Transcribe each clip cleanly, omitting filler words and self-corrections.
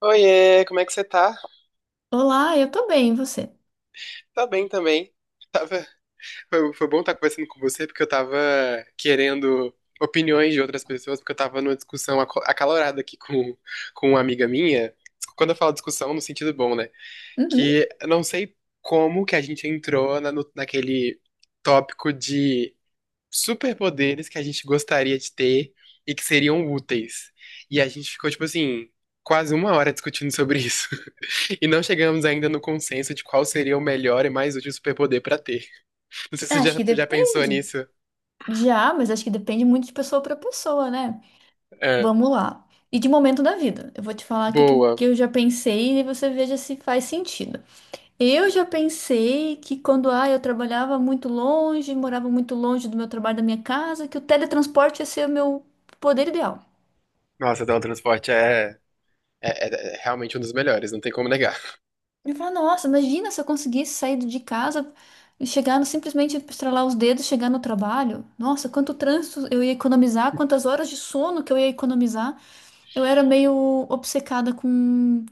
Oiê, como é que você tá? Olá, eu tô bem, e você? Tá bem também. Tava... Foi bom estar conversando com você, porque eu tava querendo opiniões de outras pessoas, porque eu tava numa discussão acalorada aqui com uma amiga minha. Quando eu falo discussão, no sentido bom, né? Uhum. Que eu não sei como que a gente entrou na, no- naquele tópico de superpoderes que a gente gostaria de ter e que seriam úteis. E a gente ficou, tipo assim, quase uma hora discutindo sobre isso. E não chegamos ainda no consenso de qual seria o melhor e mais útil superpoder pra ter. Não sei se você Acho já, que já pensou depende. nisso. Já, mas acho que depende muito de pessoa pra pessoa, né? É, Vamos lá. E de momento da vida. Eu vou te falar boa. que eu já pensei e você veja se faz sentido. Eu já pensei que quando eu trabalhava muito longe, morava muito longe do meu trabalho, da minha casa, que o teletransporte ia ser o meu poder ideal. Nossa, teletransporte é, é, é, é realmente um dos melhores, não tem como negar. Eu falo, nossa, imagina se eu conseguisse sair de casa e chegar no, simplesmente estralar os dedos, chegar no trabalho. Nossa, quanto trânsito eu ia economizar, quantas horas de sono que eu ia economizar. Eu era meio obcecada com,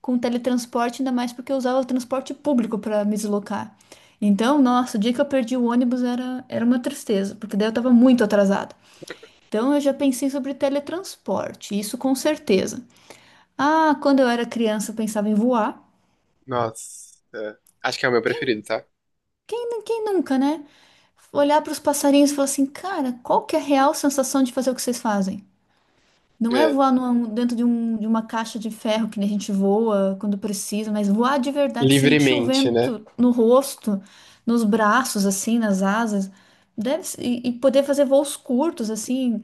com teletransporte, ainda mais porque eu usava o transporte público para me deslocar. Então, nossa, o dia que eu perdi o ônibus era uma tristeza, porque daí eu estava muito atrasada. Então, eu já pensei sobre teletransporte, isso com certeza. Ah, quando eu era criança, eu pensava em voar. Nossa. Acho que é o meu Quem, preferido, tá? quem nunca, né? Olhar para os passarinhos e falar assim, cara, qual que é a real sensação de fazer o que vocês fazem? Não é É. voar dentro de uma caixa de ferro que nem a gente voa quando precisa, mas voar de verdade, sentir o Livremente, né? vento no rosto, nos braços, assim, nas asas, e poder fazer voos curtos, assim,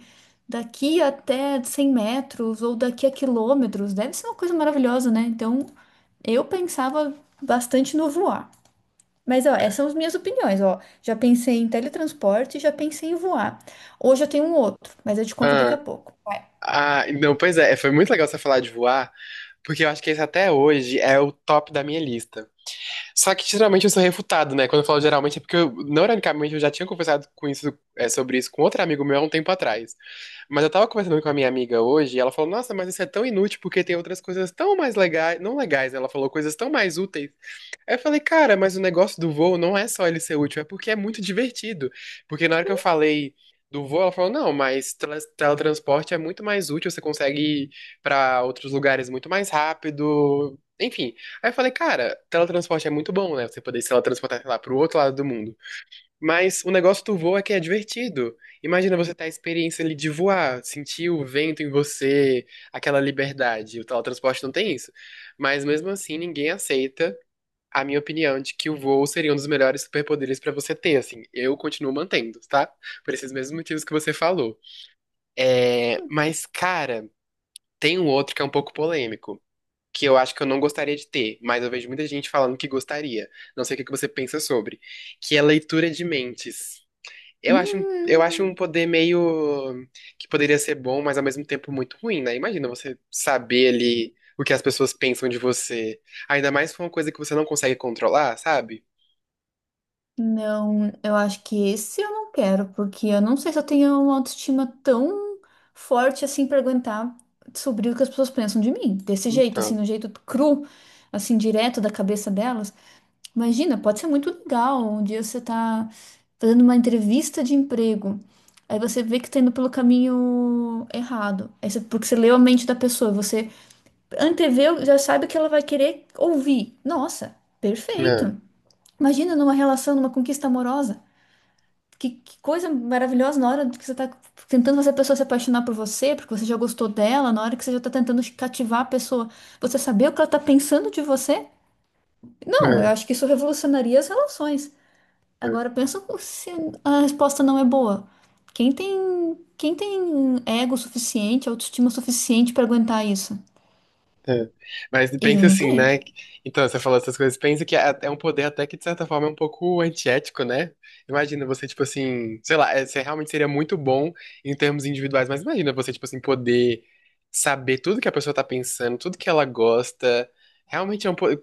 daqui até 100 metros ou daqui a quilômetros, deve ser uma coisa maravilhosa, né? Então, eu pensava bastante no voar. Mas, ó, essas são as minhas opiniões, ó. Já pensei em teletransporte, já pensei em voar. Hoje eu tenho um outro, mas eu te conto daqui a Ah, pouco. Vai. Não, pois é, foi muito legal você falar de voar, porque eu acho que esse até hoje é o top da minha lista. Só que geralmente eu sou refutado, né? Quando eu falo geralmente é porque, eu, não ironicamente, eu já tinha conversado com isso, é, sobre isso com outro amigo meu há um tempo atrás. Mas eu tava conversando com a minha amiga hoje e ela falou: Nossa, mas isso é tão inútil porque tem outras coisas tão mais legais, não legais, né? Ela falou coisas tão mais úteis. Aí eu falei, cara, mas o negócio do voo não é só ele ser útil, é porque é muito divertido. Porque na hora que eu falei do voo, ela falou, não, mas teletransporte é muito mais útil, você consegue ir pra outros lugares muito mais rápido. Enfim. Aí eu falei, cara, teletransporte é muito bom, né? Você poder se teletransportar, sei lá, pro outro lado do mundo. Mas o negócio do voo é que é divertido. Imagina você ter a experiência ali de voar, sentir o vento em você, aquela liberdade. O teletransporte não tem isso. Mas mesmo assim, ninguém aceita a minha opinião de que o voo seria um dos melhores superpoderes pra você ter, assim. Eu continuo mantendo, tá? Por esses mesmos motivos que você falou. É, mas, cara, tem um outro que é um pouco polêmico, que eu acho que eu não gostaria de ter, mas eu vejo muita gente falando que gostaria. Não sei o que que você pensa sobre, que é leitura de mentes. Eu acho Hum, um poder meio que poderia ser bom, mas ao mesmo tempo muito ruim, né? Imagina você saber ali o que as pessoas pensam de você, ainda mais com uma coisa que você não consegue controlar, sabe? não, eu acho que esse eu não quero, porque eu não sei se eu tenho uma autoestima tão forte assim pra aguentar sobre o que as pessoas pensam de mim. Desse jeito, assim, Então, no jeito cru, assim, direto da cabeça delas. Imagina, pode ser muito legal. Um dia você tá fazendo uma entrevista de emprego. Aí você vê que tá indo pelo caminho errado. Aí você- porque você leu a mente da pessoa, você anteveu, já sabe que ela vai querer ouvir. Nossa, é, perfeito. Imagina numa relação, numa conquista amorosa. Que coisa maravilhosa na hora que você tá tentando fazer a pessoa se apaixonar por você, porque você já gostou dela, na hora que você já tá tentando cativar a pessoa, você saber o que ela tá pensando de você? Não, eu é, acho que isso revolucionaria as relações. Agora pensa se a resposta não é boa. Quem tem, quem tem ego suficiente, autoestima suficiente para aguentar isso? É. Mas Eu pensa não assim, tenho. né? Então, você falou essas coisas, pensa que é um poder até que, de certa forma, é um pouco antiético, né? Imagina você, tipo assim, sei lá, é, você realmente seria muito bom em termos individuais, mas imagina você, tipo assim, poder saber tudo que a pessoa tá pensando, tudo que ela gosta. Realmente é um poder.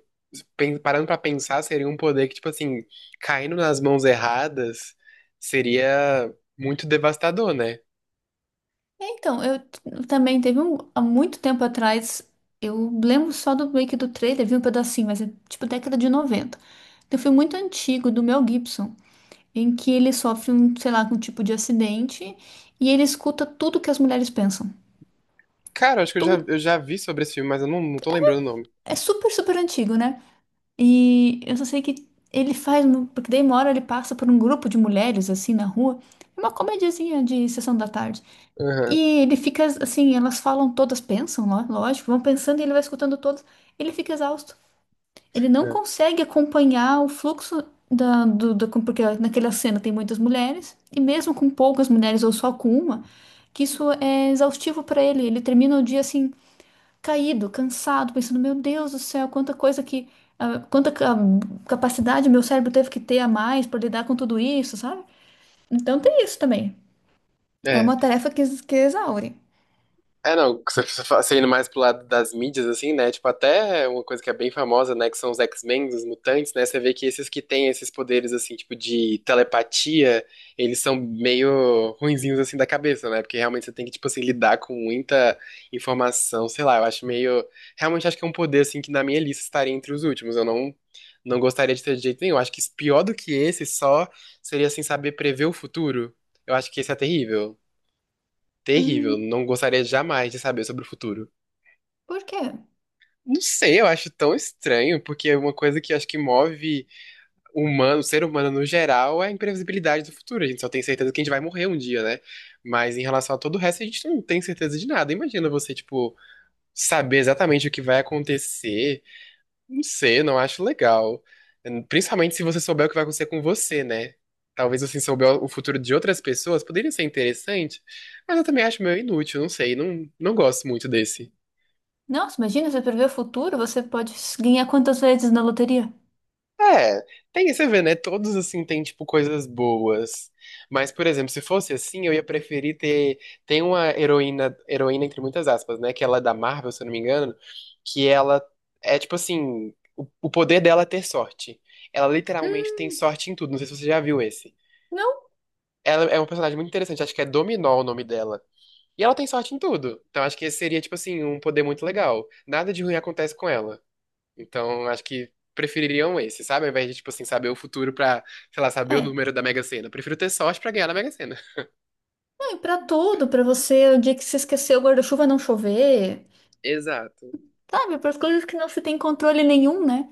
Parando pra pensar, seria um poder que, tipo assim, caindo nas mãos erradas, seria muito devastador, né? É, então, também teve um, há muito tempo atrás, eu lembro só do meio que do trailer, vi um pedacinho, mas é tipo década de noventa. Tem um filme muito antigo do Mel Gibson, em que ele sofre um, sei lá, um tipo de acidente e ele escuta tudo que as mulheres pensam. Cara, acho que Tudo. eu já vi sobre esse filme, mas eu não, não tô lembrando o nome. É super, super antigo, né? E eu só sei que ele faz, porque daí uma hora ele passa por um grupo de mulheres assim na rua, é uma comediazinha de sessão da tarde. Aham. E ele fica assim, elas falam todas, pensam, lógico, vão pensando e ele vai escutando todas. Ele fica exausto. Ele não consegue acompanhar o fluxo porque naquela cena tem muitas mulheres, e mesmo com poucas mulheres ou só com uma, que isso é exaustivo para ele. Ele termina o dia assim caído, cansado, pensando, meu Deus do céu, quanta coisa que, ah, quanta ca- capacidade meu cérebro teve que ter a mais para lidar com tudo isso, sabe? Então tem isso também. é. É É. uma tarefa que exaure. É, não, você indo mais pro lado das mídias, assim, né? Tipo, até uma coisa que é bem famosa, né? Que são os X-Men, os mutantes, né? Você vê que esses que têm esses poderes, assim, tipo, de telepatia, eles são meio ruinzinhos, assim, da cabeça, né? Porque realmente você tem que, tipo, assim, lidar com muita informação, sei lá, eu acho meio. Realmente acho que é um poder, assim, que na minha lista estaria entre os últimos. Eu não, Não gostaria de ter de jeito nenhum. Acho que pior do que esse só seria, assim, saber prever o futuro. Eu acho que esse é terrível. Terrível, Hum, não gostaria jamais de saber sobre o futuro. por quê? Não sei, eu acho tão estranho, porque é uma coisa que acho que move o humano, o ser humano no geral, é a imprevisibilidade do futuro. A gente só tem certeza que a gente vai morrer um dia, né? Mas em relação a todo o resto, a gente não tem certeza de nada. Imagina você, tipo, saber exatamente o que vai acontecer. Não sei, não acho legal. Principalmente se você souber o que vai acontecer com você, né? Talvez você souber o futuro de outras pessoas, poderia ser interessante, mas eu também acho meio inútil, não sei, não gosto muito desse. Nossa, imagina, você prever o futuro, você pode ganhar quantas vezes na loteria? É, tem, você vê, né? Todos assim têm tipo coisas boas. Mas, por exemplo, se fosse assim, eu ia preferir ter. Tem uma heroína, heroína entre muitas aspas, né? Que ela é da Marvel, se eu não me engano, que ela é tipo assim, o poder dela é ter sorte. Ela literalmente tem Hum, sorte em tudo. Não sei se você já viu esse. não, Ela é uma personagem muito interessante, acho que é Dominó o nome dela. E ela tem sorte em tudo. Então acho que esse seria, tipo assim, um poder muito legal. Nada de ruim acontece com ela. Então, acho que prefeririam esse, sabe? Ao invés de, tipo assim, saber o futuro pra, sei lá, saber o é. número da Mega Sena. Eu prefiro ter sorte pra ganhar na Mega Sena. Não, e pra tudo, pra você, o dia que você esqueceu o guarda-chuva não chover, Exato. sabe? Para as coisas que não se tem controle nenhum, né?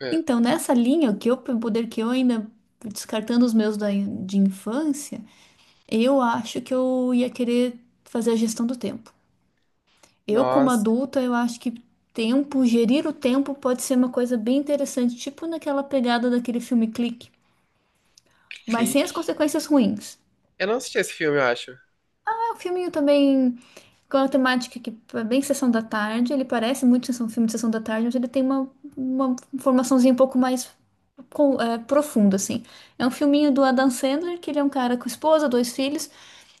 É. Então, nessa linha, o poder que eu ainda, descartando os meus de infância, eu acho que eu ia querer fazer a gestão do tempo. Eu, como Nossa, adulta, eu acho que tempo, gerir o tempo pode ser uma coisa bem interessante, tipo naquela pegada daquele filme Clique, mas sem as clique. consequências ruins. Eu não assisti esse filme, eu acho. É um filminho também com uma temática que é bem sessão da tarde, ele parece muito sessão, filme de sessão da tarde, mas ele tem uma formaçãozinha um pouco mais profundo, assim. É um filminho do Adam Sandler, que ele é um cara com esposa, dois filhos,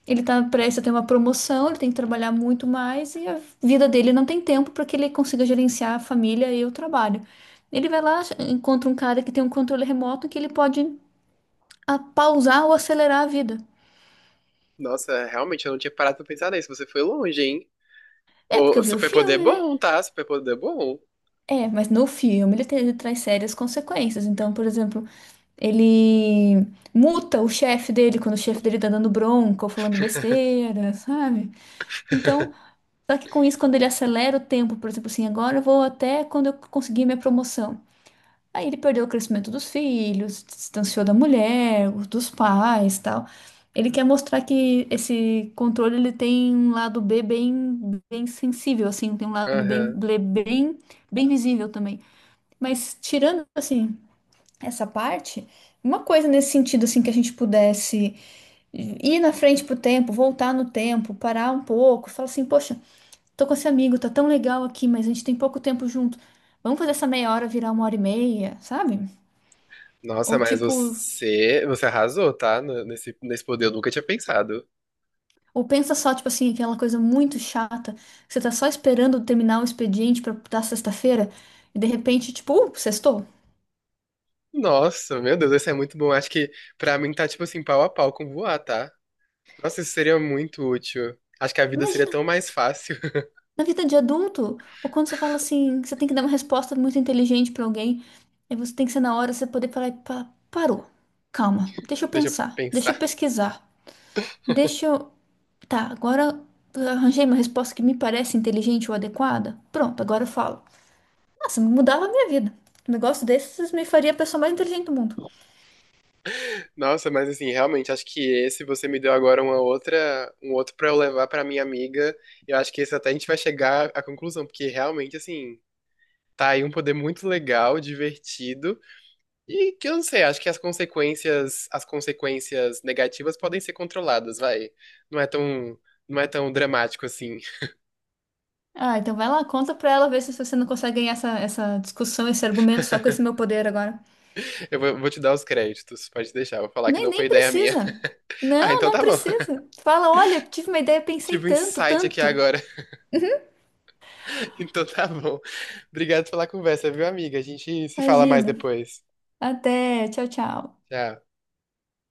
ele tá prestes a ter uma promoção, ele tem que trabalhar muito mais e a vida dele não tem tempo para que ele consiga gerenciar a família e o trabalho. Ele vai lá, encontra um cara que tem um controle remoto que ele pode pausar ou acelerar a vida. Nossa, realmente, eu não tinha parado pra pensar nisso. Você foi longe, hein? É, porque O eu o vi o superpoder é filme, né? bom, tá? Superpoder é bom. É, mas no filme ele traz sérias consequências. Então, por exemplo, ele multa o chefe dele quando o chefe dele tá dando bronca ou falando besteira, sabe? Então, só que com isso, quando ele acelera o tempo, por exemplo, assim, agora eu vou até quando eu conseguir minha promoção. Aí ele perdeu o crescimento dos filhos, se distanciou da mulher, dos pais, tal. Ele quer mostrar que esse controle ele tem um lado B bem, bem sensível, assim, tem um lado bem, Aham. bem, bem bem visível também. Mas tirando assim essa parte, uma coisa nesse sentido assim que a gente pudesse ir na frente pro tempo, voltar no tempo, parar um pouco, falar assim, poxa, tô com esse amigo, tá tão legal aqui, mas a gente tem pouco tempo junto. Vamos fazer essa meia hora virar uma hora e meia, sabe? Nossa, Ou mas tipo, você arrasou, tá? Nesse, nesse poder eu nunca tinha pensado. ou pensa só, tipo assim, aquela coisa muito chata. Que você tá só esperando terminar o expediente pra dar sexta-feira e de repente, tipo, sextou. Nossa, meu Deus, esse é muito bom. Acho que pra mim tá, tipo assim, pau a pau com voar, tá? Nossa, isso seria muito útil. Acho que a vida seria Imagina, tão mais fácil. na vida de adulto, ou quando você fala assim, que você tem que dar uma resposta muito inteligente pra alguém, aí você tem que ser na hora, você poder parar e falar, parou. Calma, deixa eu Deixa eu pensar, deixa eu pensar. pesquisar. Deixa eu. Tá, agora eu arranjei uma resposta que me parece inteligente ou adequada. Pronto, agora eu falo. Nossa, mudava a minha vida. Um negócio desses me faria a pessoa mais inteligente do mundo. Nossa, mas assim, realmente, acho que esse você me deu agora uma outra, um outro pra eu levar pra minha amiga. Eu acho que esse até a gente vai chegar à conclusão, porque realmente, assim, tá aí um poder muito legal, divertido, e que eu não sei, acho que as consequências negativas podem ser controladas, vai. Não é tão, não é tão dramático assim. Ah, então vai lá, conta pra ela, ver se você não consegue ganhar essa, essa discussão, esse argumento só com esse meu poder agora. Vou te dar os créditos, pode deixar, vou falar que Nem, não foi nem ideia minha. precisa. Ah, Não, então não tá bom. precisa. Fala, olha, tive uma ideia, pensei Tive um tanto, insight aqui tanto. agora. Então tá bom. Obrigado pela conversa, viu, amiga? A gente se fala mais Imagina. depois. Até, tchau, tchau. Tchau.